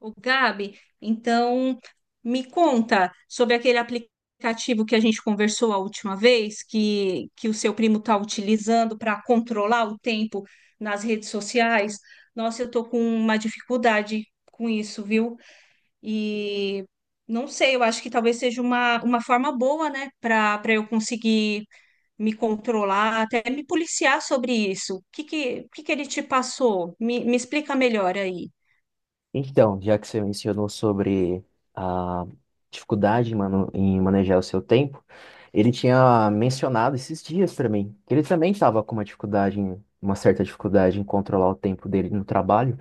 Ô, Gabi, então me conta sobre aquele aplicativo que a gente conversou a última vez, que o seu primo está utilizando para controlar o tempo nas redes sociais. Nossa, eu estou com uma dificuldade com isso, viu? E não sei, eu acho que talvez seja uma forma boa, né, para eu conseguir me controlar, até me policiar sobre isso. O que que ele te passou? Me explica melhor aí. Então, já que você mencionou sobre a dificuldade em manejar o seu tempo, ele tinha mencionado esses dias para mim que ele também estava com uma dificuldade, uma certa dificuldade em controlar o tempo dele no trabalho,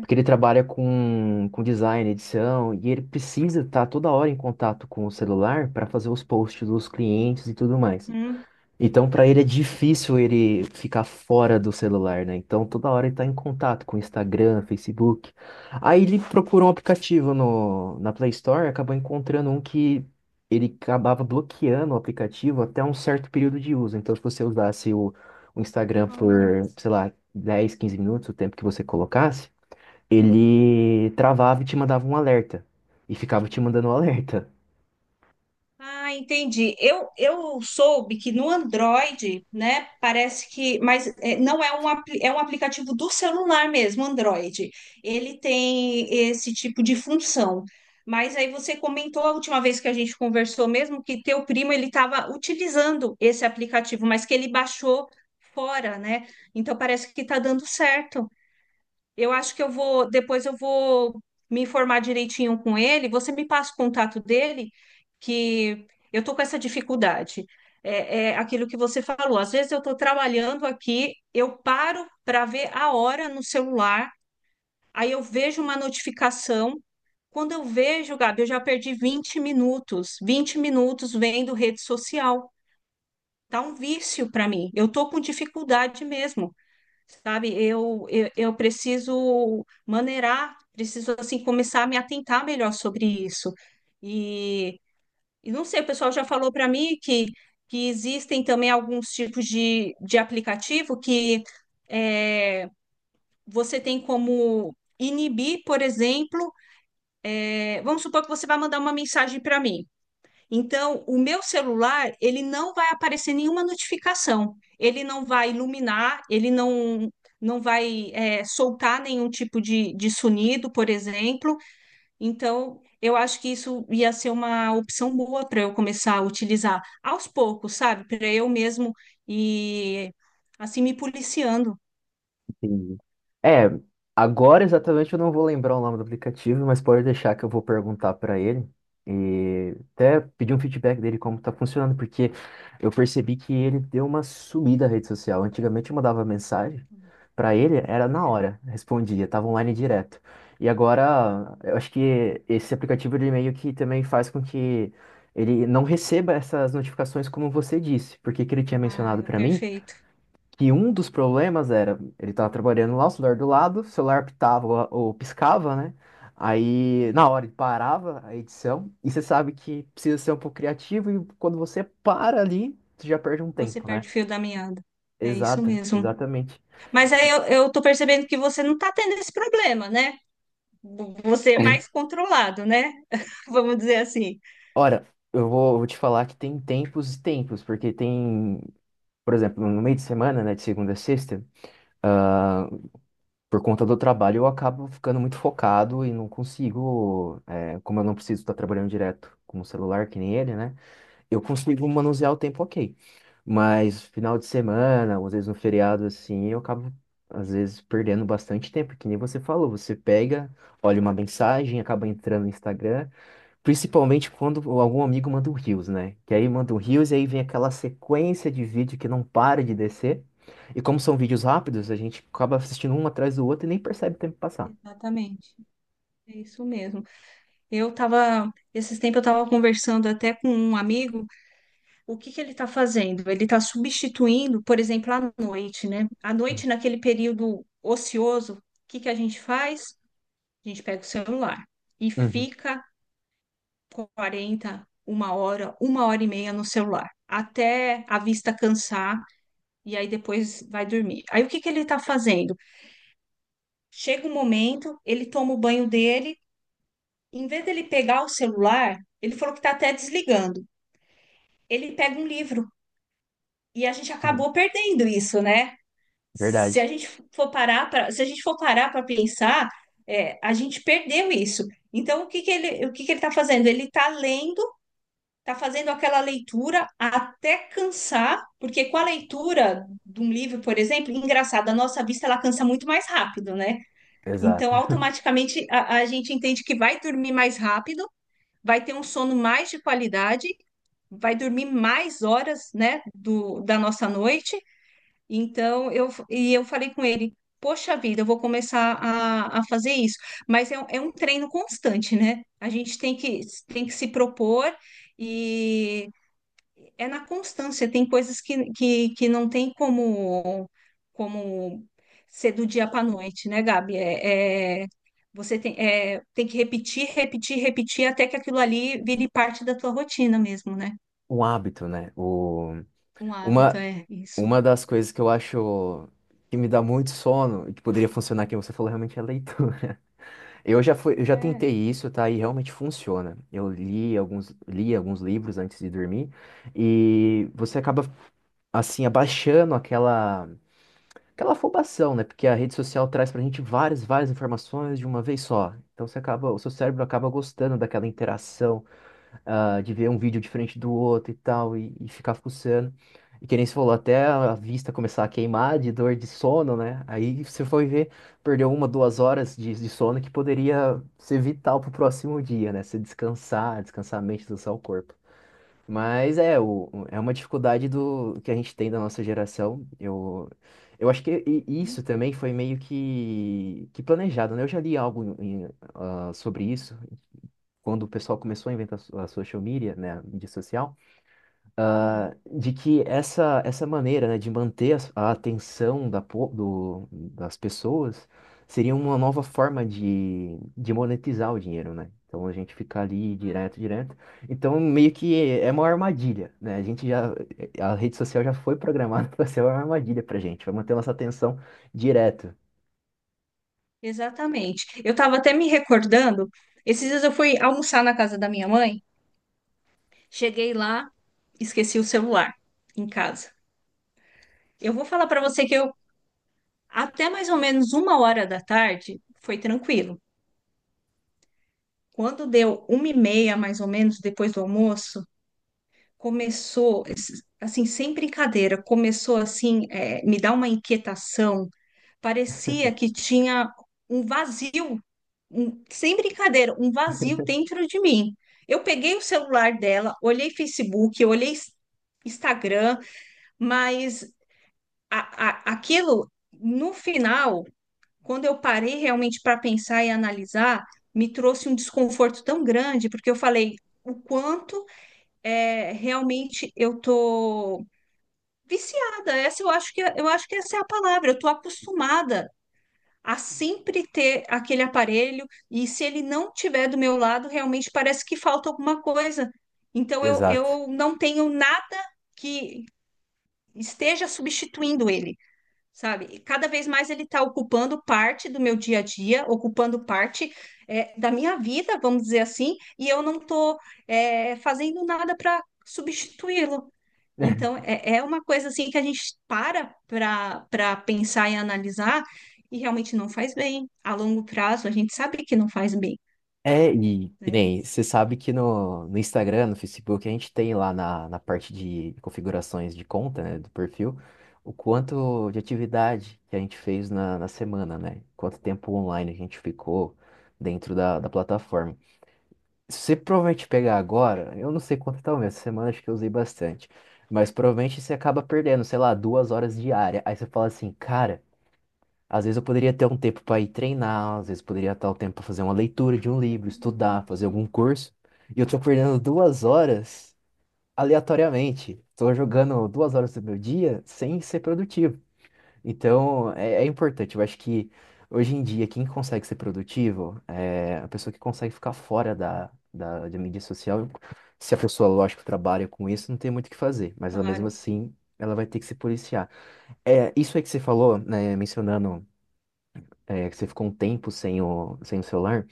porque ele trabalha com design, edição, e ele precisa estar toda hora em contato com o celular para fazer os posts dos clientes e tudo mais. Hum? Então, para ele é difícil ele ficar fora do celular, né? Então, toda hora ele tá em contato com Instagram, Facebook. Aí ele procurou um aplicativo no, na Play Store e acabou encontrando um que ele acabava bloqueando o aplicativo até um certo período de uso. Então, se você usasse o Instagram por, Ah. sei lá, 10, 15 minutos, o tempo que você colocasse, ele travava e te mandava um alerta. E ficava te mandando um alerta. Ah, entendi. Eu soube que no Android, né, parece que, mas é, não é é um aplicativo do celular mesmo, Android. Ele tem esse tipo de função. Mas aí você comentou a última vez que a gente conversou mesmo que teu primo ele estava utilizando esse aplicativo, mas que ele baixou fora, né? Então parece que está dando certo. Eu acho que depois eu vou me informar direitinho com ele. Você me passa o contato dele, que eu tô com essa dificuldade. É, é aquilo que você falou. Às vezes eu estou trabalhando aqui, eu paro para ver a hora no celular, aí eu vejo uma notificação. Quando eu vejo, Gabi, eu já perdi 20 minutos, 20 minutos vendo rede social. Tá um vício para mim. Eu tô com dificuldade mesmo, sabe? Eu preciso maneirar, preciso, assim, começar a me atentar melhor sobre isso. E, e não sei, o pessoal já falou para mim que, existem também alguns tipos de aplicativo que é, você tem como inibir, por exemplo, vamos supor que você vai mandar uma mensagem para mim. Então, o meu celular, ele não vai aparecer nenhuma notificação, ele não vai iluminar, ele não vai soltar nenhum tipo de sonido, por exemplo. Então, eu acho que isso ia ser uma opção boa para eu começar a utilizar aos poucos, sabe? Para eu mesmo e assim me policiando. Entendi. É, agora exatamente eu não vou lembrar o nome do aplicativo, mas pode deixar que eu vou perguntar para ele e até pedir um feedback dele como tá funcionando, porque eu percebi que ele deu uma sumida na rede social. Antigamente eu mandava mensagem para ele, era na É. hora, respondia, tava online direto. E agora eu acho que esse aplicativo de e-mail que também faz com que ele não receba essas notificações como você disse, porque que ele tinha Ah, mencionado é para mim perfeito. que um dos problemas era, ele tava trabalhando lá, o celular do lado, o celular pitava ou piscava, né? Aí, na É. hora, ele parava a edição, e você sabe que precisa ser um pouco criativo, e quando você para ali, você já perde um Você tempo, né? perde o fio da meada. É isso Exato, mesmo. exatamente. Mas aí eu tô percebendo que você não tá tendo esse problema, né? Você é É. mais controlado, né? Vamos dizer assim. Ora, eu vou te falar que tem tempos e tempos, porque tem, por exemplo, no meio de semana, né, de segunda a sexta, por conta do trabalho, eu acabo ficando muito focado e não consigo, é, como eu não preciso estar trabalhando direto com o celular, que nem ele, né? Eu consigo manusear o tempo ok. Mas final de semana, ou às vezes no feriado, assim, eu acabo, às vezes, perdendo bastante tempo, que nem você falou. Você pega, olha uma mensagem, acaba entrando no Instagram. Principalmente quando algum amigo manda um Reels, né? Que aí manda um Reels e aí vem aquela sequência de vídeo que não para de descer. E como são vídeos rápidos, a gente acaba assistindo um atrás do outro e nem percebe o tempo passar. Exatamente. É isso mesmo. Esses tempos eu tava conversando até com um amigo, o que que ele tá fazendo? Ele tá substituindo, por exemplo, à noite, né? À noite, naquele período ocioso, o que que a gente faz? A gente pega o celular e Uhum, fica quarenta, uma hora e meia no celular, até a vista cansar e aí depois vai dormir. Aí o que que ele está fazendo? Chega um momento, ele toma o banho dele, em vez dele pegar o celular, ele falou que está até desligando. Ele pega um livro e a gente uhum. acabou perdendo isso, né? Se a Verdade. gente for parar para, se a gente for parar para pensar, é, a gente perdeu isso. Então o que que ele está fazendo? Ele está lendo, está fazendo aquela leitura até cansar, porque com a leitura de um livro, por exemplo, engraçado, a nossa vista ela cansa muito mais rápido, né? Então, Exato. automaticamente, a gente entende que vai dormir mais rápido, vai ter um sono mais de qualidade, vai dormir mais horas, né, da nossa noite. Então, eu falei com ele, poxa vida, eu vou começar a fazer isso. Mas é, é um treino constante, né? A gente tem que se propor é na constância, tem coisas que, que não tem como ser do dia para a noite, né, Gabi? Você tem, tem que repetir, repetir, repetir até que aquilo ali vire parte da tua rotina mesmo, né? Um hábito, né? Um hábito, Uma, é isso. uma das coisas que eu acho que me dá muito sono e que poderia funcionar, que você falou, realmente é a leitura. Eu já tentei É. isso, tá? E realmente funciona. Li alguns livros antes de dormir e você acaba assim abaixando aquela afobação, né? Porque a rede social traz pra gente várias, várias informações de uma vez só. Então você acaba, o seu cérebro acaba gostando daquela interação de ver um vídeo diferente do outro e tal, e ficar fuçando. E que nem você falou, até a vista começar a queimar de dor de sono, né? Aí você foi ver, perdeu 1, 2 horas de sono que poderia ser vital pro próximo dia, né? Você descansar, descansar a mente, descansar o corpo. Mas é, é uma dificuldade do que a gente tem da nossa geração. Eu acho que isso Hum. também foi meio que planejado, né? Eu já li algo sobre isso quando o pessoal começou a inventar a social media, né, a mídia social, Sim. De que essa maneira, né, de manter a atenção das pessoas seria uma nova forma de monetizar o dinheiro, né? Então a gente fica ali direto, direto. Então meio que é uma armadilha, né? A rede social já foi programada para ser uma armadilha pra gente, vai manter nossa atenção direto. Exatamente. Eu estava até me recordando, esses dias eu fui almoçar na casa da minha mãe, cheguei lá, esqueci o celular em casa. Eu vou falar para você que eu até mais ou menos uma hora da tarde foi tranquilo. Quando deu uma e meia, mais ou menos, depois do almoço, começou, assim, sem brincadeira, começou assim, é, me dar uma inquietação. Parecia que tinha um vazio, sem brincadeira, um vazio dentro de mim. Eu peguei o celular dela, olhei Facebook, olhei Instagram, mas aquilo, no final, quando eu parei realmente para pensar e analisar, me trouxe um desconforto tão grande, porque eu falei o quanto, é, realmente eu tô viciada. Essa eu acho que é, eu acho que essa é a palavra. Eu tô acostumada a sempre ter aquele aparelho e se ele não tiver do meu lado, realmente parece que falta alguma coisa. Então eu, Exato. eu não tenho nada que esteja substituindo ele, sabe? E cada vez mais ele está ocupando parte do meu dia a dia, ocupando parte, da minha vida, vamos dizer assim, e eu não estou fazendo nada para substituí-lo. Então, é, é uma coisa assim que a gente para para pensar e analisar e realmente não faz bem. A longo prazo, a gente sabe que não faz bem, É, e que né? nem, você sabe que no Instagram, no Facebook, a gente tem lá na parte de configurações de conta, né, do perfil, o quanto de atividade que a gente fez na semana, né? Quanto tempo online a gente ficou dentro da plataforma. Se você provavelmente pegar agora, eu não sei quanto tá o meu, essa semana acho que eu usei bastante, mas provavelmente você acaba perdendo, sei lá, 2 horas diárias. Aí você fala assim, cara. Às vezes eu poderia ter um tempo para ir treinar, às vezes poderia ter o tempo para fazer uma leitura de um livro, estudar, fazer algum curso. E eu tô perdendo 2 horas aleatoriamente. Tô jogando 2 horas do meu dia sem ser produtivo. Então é importante. Eu acho que hoje em dia quem consegue ser produtivo é a pessoa que consegue ficar fora da mídia social. Se a pessoa, lógico, trabalha com isso, não tem muito o que fazer. Mas ela mesmo Claro, assim, ela vai ter que se policiar. É, isso aí que você falou, né, mencionando que você ficou um tempo sem o celular,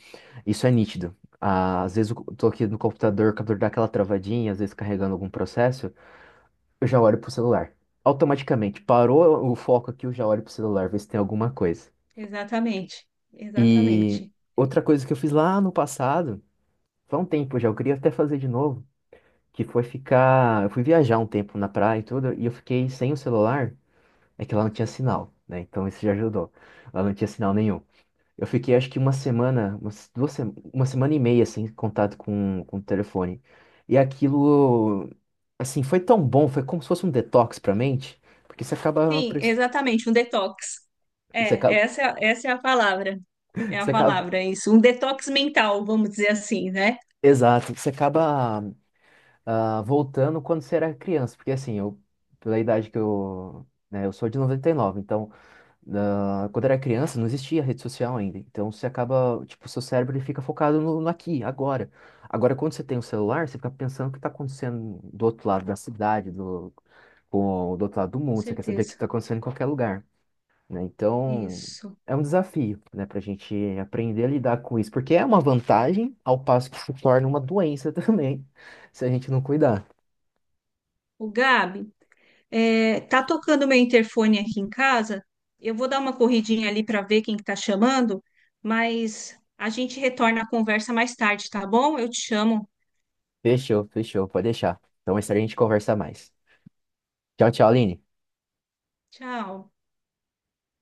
isso é nítido. Ah, às vezes eu tô aqui no computador, o computador dá aquela travadinha, às vezes carregando algum processo, eu já olho pro celular. Automaticamente, parou o foco aqui, eu já olho pro celular, ver se tem alguma coisa. exatamente, E exatamente. outra coisa que eu fiz lá no passado, faz um tempo já, eu queria até fazer de novo, que foi ficar. Eu fui viajar um tempo na praia e tudo, e eu fiquei sem o celular, é que lá não tinha sinal, né? Então isso já ajudou. Lá não tinha sinal nenhum. Eu fiquei acho que uma semana, umas duas, se- uma semana e meia sem contato com o telefone. E aquilo, assim, foi tão bom, foi como se fosse um detox pra mente, porque Sim, exatamente, um detox. você É, acaba, essa, essa é a palavra. É a você acaba, palavra, isso. Um detox mental, vamos dizer assim, né? exato, você acaba voltando quando você era criança, porque assim, eu, pela idade que eu, né, eu sou de 99 então quando era criança, não existia rede social ainda. Então você acaba, tipo, seu cérebro ele fica focado no aqui, agora. Agora, quando você tem o celular, você fica pensando o que está acontecendo do outro lado da cidade, do outro lado do Com mundo. Você quer saber o que certeza. está acontecendo em qualquer lugar, né? Então Isso. é um desafio, né, para a gente aprender a lidar com isso, porque é uma vantagem, ao passo que se torna uma doença também, se a gente não cuidar. O Gabi, é, tá tocando meu interfone aqui em casa. Eu vou dar uma corridinha ali para ver quem que tá chamando, mas a gente retorna a conversa mais tarde, tá bom? Eu te chamo. Fechou, fechou, pode deixar. Então, mais tarde a gente conversa mais. Tchau, tchau, Aline. Tchau.